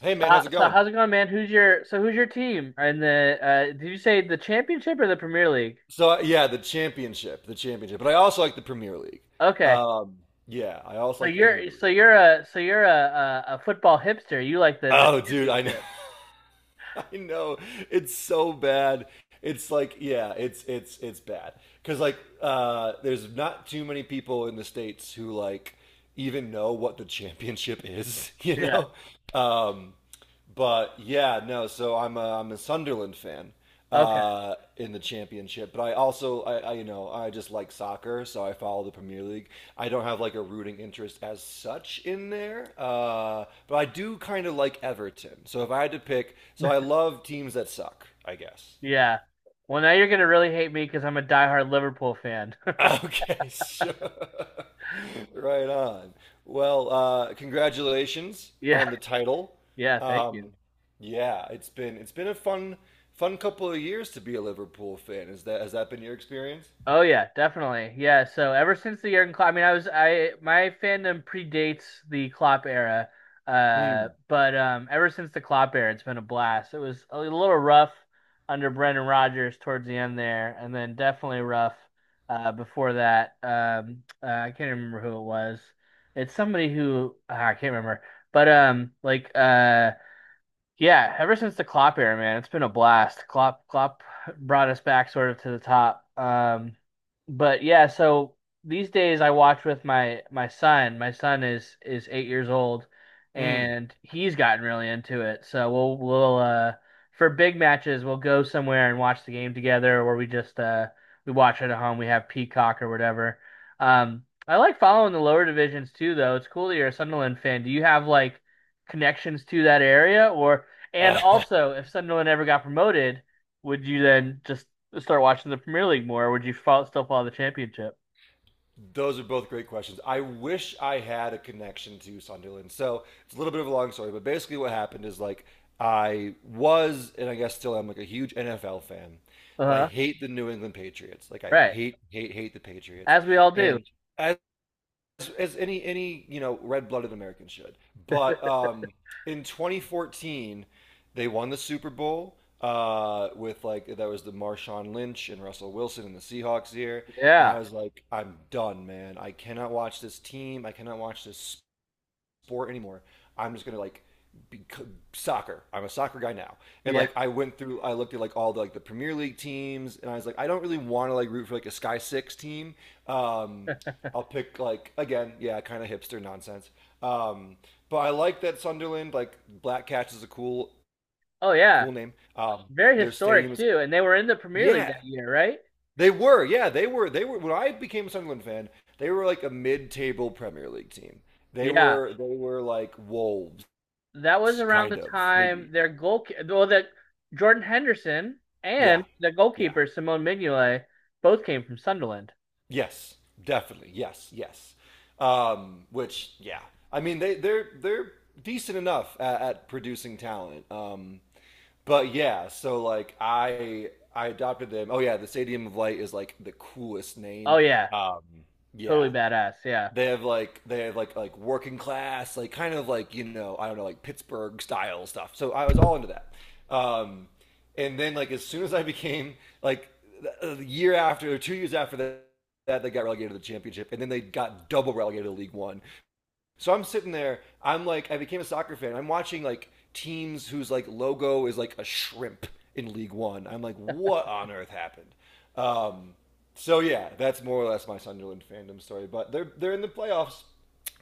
Hey So, man, how's it going? how's it going, man? Who's your who's your team? And the did you say the championship or the Premier League? So the championship, but I also like the Premier League. Okay, Um, yeah, I also so like the Premier you're so League. you're a so you're a a, a football hipster. You like the Oh, dude, I know, championship. I know, it's so bad. It's like yeah, it's bad because there's not too many people in the States who like even know what the championship is, Yeah. Um, But yeah, no. So I'm a Sunderland fan Okay. In the championship, but I also I you know I just like soccer, so I follow the Premier League. I don't have like a rooting interest as such in there, but I do kind of like Everton. So if I had to pick, so I love teams that suck, I guess. Yeah. Well, now you're gonna really hate me because I'm a diehard Liverpool fan. Okay, sure. Right on. Well, congratulations Yeah. on the title. Yeah. Thank you. Um, yeah, it's been a fun couple of years to be a Liverpool fan. Is that has that been your experience? Oh yeah, definitely. Yeah. So ever since the Jurgen Klopp, I mean, I was I my fandom predates the Klopp era, Mm. but ever since the Klopp era, it's been a blast. It was a little rough under Brendan Rodgers towards the end there, and then definitely rough before that. I can't remember who it was. It's somebody who I can't remember, but Yeah, ever since the Klopp era, man, it's been a blast. Klopp brought us back sort of to the top. But yeah, so these days I watch with my son. My son is 8 years old, Mm. and he's gotten really into it. So we'll for big matches we'll go somewhere and watch the game together, or we just we watch it at home. We have Peacock or whatever. I like following the lower divisions too, though. It's cool that you're a Sunderland fan. Do you have like connections to that area or? And also, if Sunderland ever got promoted, would you then just start watching the Premier League more, or would you still follow the Championship? Those are both great questions. I wish I had a connection to Sunderland. So it's a little bit of a long story, but basically what happened is like I was, and I guess still am, like a huge NFL fan, Uh but I huh. hate the New England Patriots. Like I Right. hate, hate, hate the Patriots. As we all do. And as as any you know red-blooded American should. But in 2014, they won the Super Bowl with like that was the Marshawn Lynch and Russell Wilson and the Seahawks here, and I Yeah. was like, I'm done, man. I cannot watch this team. I cannot watch this sport anymore. I'm just gonna like be soccer. I'm a soccer guy now, and Yeah. like I went through, I looked at like all the like the Premier League teams, and I was like, I don't really want to like root for like a Sky Six team. Um, I'll pick like again, yeah, kind of hipster nonsense. Um, but I like that Sunderland, like Black Cats is a Oh, yeah. cool name. Very Their stadium historic, is too. And they were in the Premier League yeah, that year, right? they were when I became a Sunderland fan, they were like a mid-table Premier League team. They Yeah. were they were like wolves That was s- around kind the of time maybe their goal, well, that Jordan Henderson yeah, and the yeah, goalkeeper, Simone Mignolet, both came from Sunderland. yes, definitely, yes, yes. Which yeah I mean they're decent enough at producing talent. But yeah, so like I adopted them. Oh, yeah, the Stadium of Light is like the coolest Oh, name. yeah. um Totally yeah badass. Yeah. they have like they have like working class, like kind of, like you know, I don't know, like pittsburgh style stuff, so I was all into that. um and then, like, as soon as I became like a year after or 2 years after that that they got relegated to the championship, and then they got double relegated to League One. So I'm sitting there. I'm like, I became a soccer fan. I'm watching like teams whose like logo is like a shrimp in League One. I'm like, what on earth happened? Um, so yeah, that's more or less my Sunderland fandom story. But they're in the playoffs,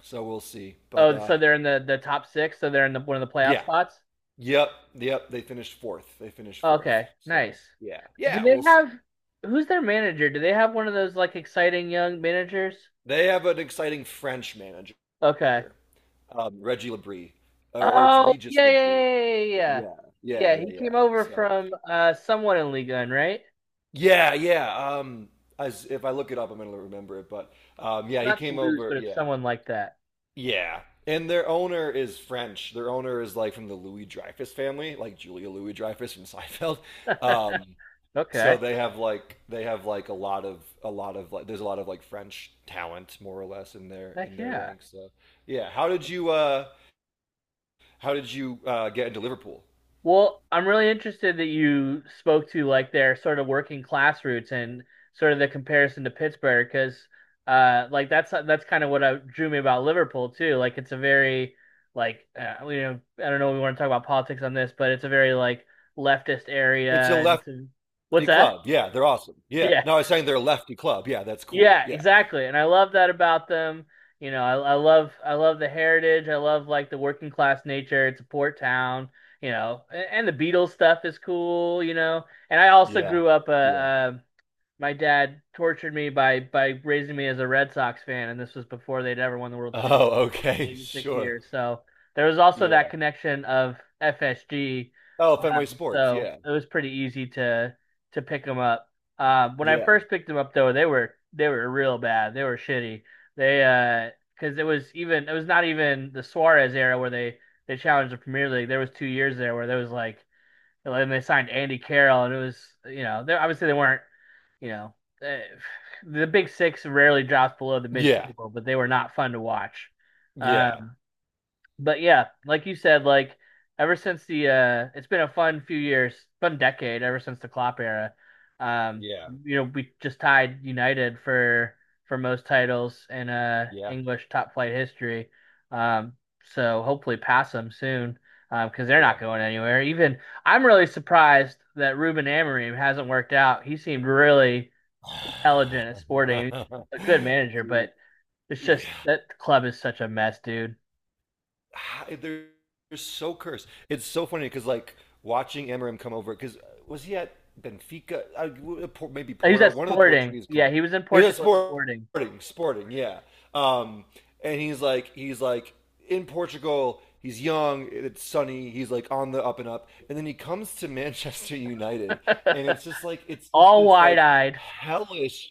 so we'll see. But Oh, so they're in the top six. So they're in the one of the playoff yeah, spots. yep, yep. They finished fourth. They finished fourth. Okay, nice. So yeah, Do yeah, they we'll see. have who's their manager? Do they have one of those like exciting young managers? They have an exciting French manager, Okay. Reggie Labrie, or it's Oh, Regis yeah, yeah, yeah, Labrie. yeah, yeah. Yeah, yeah, Yeah, yeah, yeah, he yeah. came over So from someone in Ligue 1, right? yeah, yeah. As if I look it up, I'm gonna remember it. But yeah, he Not to came lose, over. but it's Yeah, someone like that. yeah. And their owner is French. Their owner is like from the Louis Dreyfus family, like Julia Louis Dreyfus from Seinfeld. Um, Okay. so they have like a lot of like there's a lot of like French talent more or less in Heck their yeah. ranks. So yeah, how did you get into Liverpool? Well, I'm really interested that you spoke to like their sort of working class roots and sort of the comparison to Pittsburgh because like that's kind of what drew me about Liverpool too. Like it's a very like you know, I don't know if we want to talk about politics on this, but it's a very like leftist area It's a and it's a lefty what's that? club. Yeah, they're awesome. Yeah. Yeah. No, I was saying they're a lefty club. Yeah, that's cool. Yeah, Yeah. exactly. And I love that about them. You know, I love the heritage. I love like the working class nature. It's a port town, you know, and the Beatles stuff is cool, you know. And I also Yeah. grew up my dad tortured me by raising me as a Red Sox fan, and this was before they'd ever won the World Series Oh, okay, maybe six sure. years. So there was also Yeah. that connection of FSG. Oh, Fenway Sports. So Yeah. it was pretty easy to pick them up. When I Yeah. first picked them up, though, they were real bad. They were shitty. They because it was even it was not even the Suarez era where they challenged the Premier League. There was 2 years there where there was like and they signed Andy Carroll, and it was you know they obviously they weren't you know. eh, the Big Six rarely drops below the mid Yeah. table, but they were not fun to watch. Yeah. Um, but yeah, like you said, like ever since the it's been a fun few years, fun decade ever since the Klopp era. Um, Yeah. you know, we just tied United for most titles in Yeah. English top flight history. Um, so hopefully pass them soon. Because they're Yeah. not going anywhere. Even I'm really surprised that Ruben Amorim hasn't worked out. He seemed really intelligent at Sporting, a good manager, Dude. but it's Yeah. just that club is such a mess, dude. they're, they're so cursed. It's so funny because like watching Amarim come over because was he at Benfica? I, w- Por- maybe Oh, he was Porto, at one of the Sporting. Portuguese Yeah, clubs. he was in Yeah, Portugal at Sporting. Sporting, yeah. Um, and he's like in Portugal. He's young. It's sunny. He's like on the up and up. And then he comes to Manchester United, and it's just like it's just All this wide like eyed. hellish,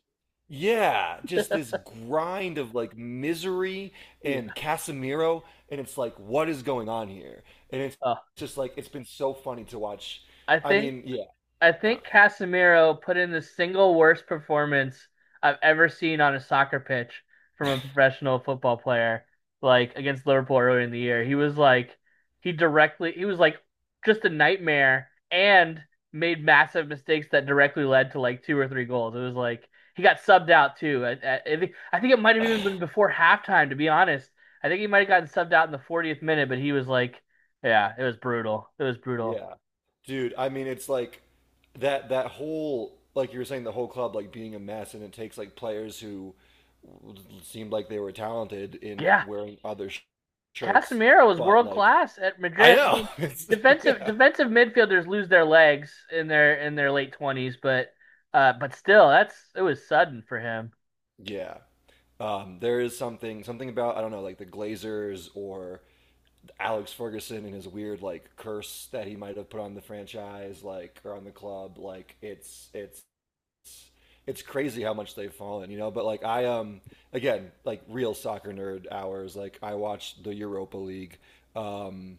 yeah, just this grind of like misery Yeah. and Casemiro, and it's like, what is going on here? And it's Oh, just like it's been so funny to watch. I I think mean, yeah, I no, think Casemiro put in the single worst performance I've ever seen on a soccer pitch from a professional football player, like against Liverpool earlier in the year. He was like, he directly, he was like just a nightmare and made massive mistakes that directly led to like two or three goals. It was like he got subbed out too. I think it might have even been before halftime, to be honest. I think he might have gotten subbed out in the 40th minute, but he was like, yeah, it was brutal. It was brutal. yeah, dude. I mean, it's like that that whole like you were saying the whole club like being a mess, and it takes like players who seemed like they were talented in Yeah, wearing other shirts, Casemiro was but world like class at I Madrid. I know, mean, it's, defensive yeah, defensive midfielders lose their legs in their late 20s, but still, that's it was sudden for him. yeah. There is something about I don't know like the Glazers or Alex Ferguson and his weird like curse that he might have put on the franchise, like or on the club. Like it's it's crazy how much they've fallen, you know. But like I again like real soccer nerd hours. Like I watched the Europa League, um,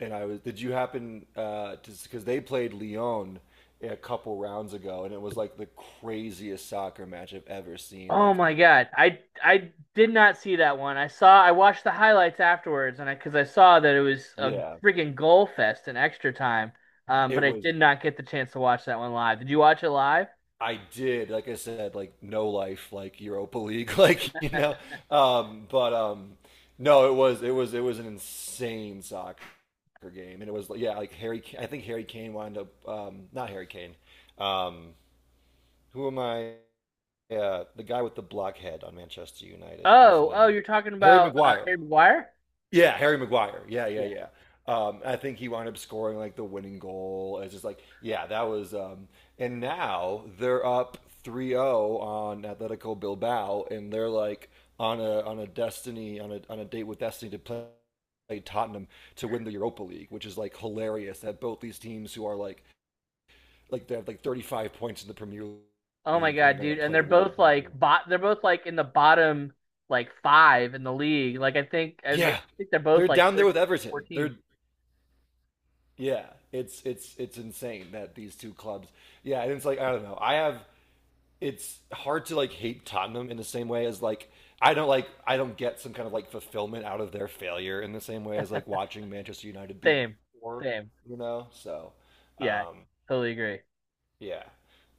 and I was. Did you happen to because they played Lyon a couple rounds ago, and it was like the craziest soccer match I've ever seen. Oh Like my God, I did not see that one. I watched the highlights afterwards, and I because I saw that it was a yeah, freaking goal fest in extra time. But it I was did not get the chance to watch that one live. Did you watch it live? I did, like I said, like no life, like Europa League, like you know. But no, it was it was an insane soccer game, and it was yeah, like Harry. I think Harry Kane wound up not Harry Kane. Um, who am I? The guy with the blockhead on Manchester United, whose Oh, oh, name you're talking Harry about Maguire. Harry Maguire? Yeah, Harry Maguire. Yeah, yeah, Yeah. yeah. I think he wound up scoring like the winning goal. It's just like, yeah, that was. And now they're up 3-0 on Atletico Bilbao, and they're like on a destiny on a date with destiny to play Tottenham to win the Europa League, which is like hilarious that both these teams who are like they have like 35 points in the Premier Oh my League, and they're God, gonna dude. And play they're to win both the Europa like League. bot they're both like in the bottom like five in the league. Like I think I mean, I Yeah, think they're both they're like down there 13, with Everton. 14. They're yeah, it's it's insane that these two clubs. Yeah, and it's like I don't know. I have it's hard to like hate Tottenham in the same way as like I don't get some kind of like fulfillment out of their failure in the same way as like watching Manchester United be Same. poor, Same. you know? So, Yeah, um totally agree. yeah.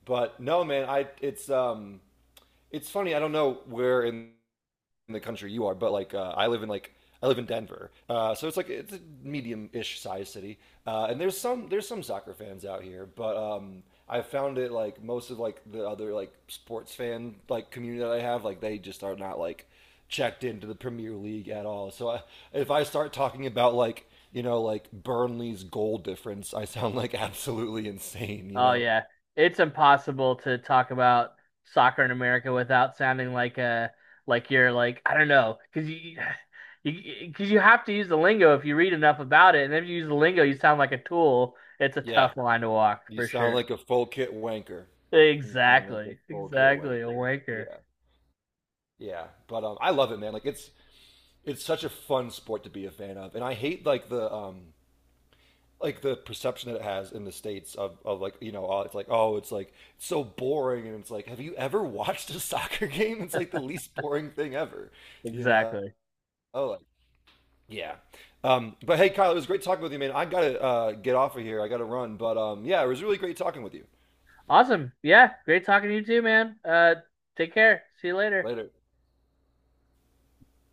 But no, man, I it's funny. I don't know where in the country you are, but like I live in like I live in Denver, so it's like it's a medium-ish size city, and there's some soccer fans out here, but I found it like most of like the other like sports fan like community that I have, like they just are not like checked into the Premier League at all. So I, if I start talking about like you know like Burnley's goal difference, I sound like absolutely insane. You Oh know? yeah. It's impossible to talk about soccer in America without sounding like a like you're like I don't know because you because you have to use the lingo if you read enough about it and then if you use the lingo you sound like a tool. It's a Yeah, tough line to walk you for sound sure. like a full kit wanker. You sound like a Exactly. full kit Exactly. A wanker. wanker. Yeah. Yeah, but I love it, man. Like it's such a fun sport to be a fan of, and I hate like the perception that it has in the states of like you know it's like oh it's like it's so boring and it's like have you ever watched a soccer game? It's like the least boring thing ever, you know? Exactly. Oh, like, yeah. But hey, Kyle, it was great talking with you, man. I gotta get off of here. I gotta run, but yeah, it was really great talking with you. Awesome. Yeah. Great talking to you too, man. Take care. See you later. Later.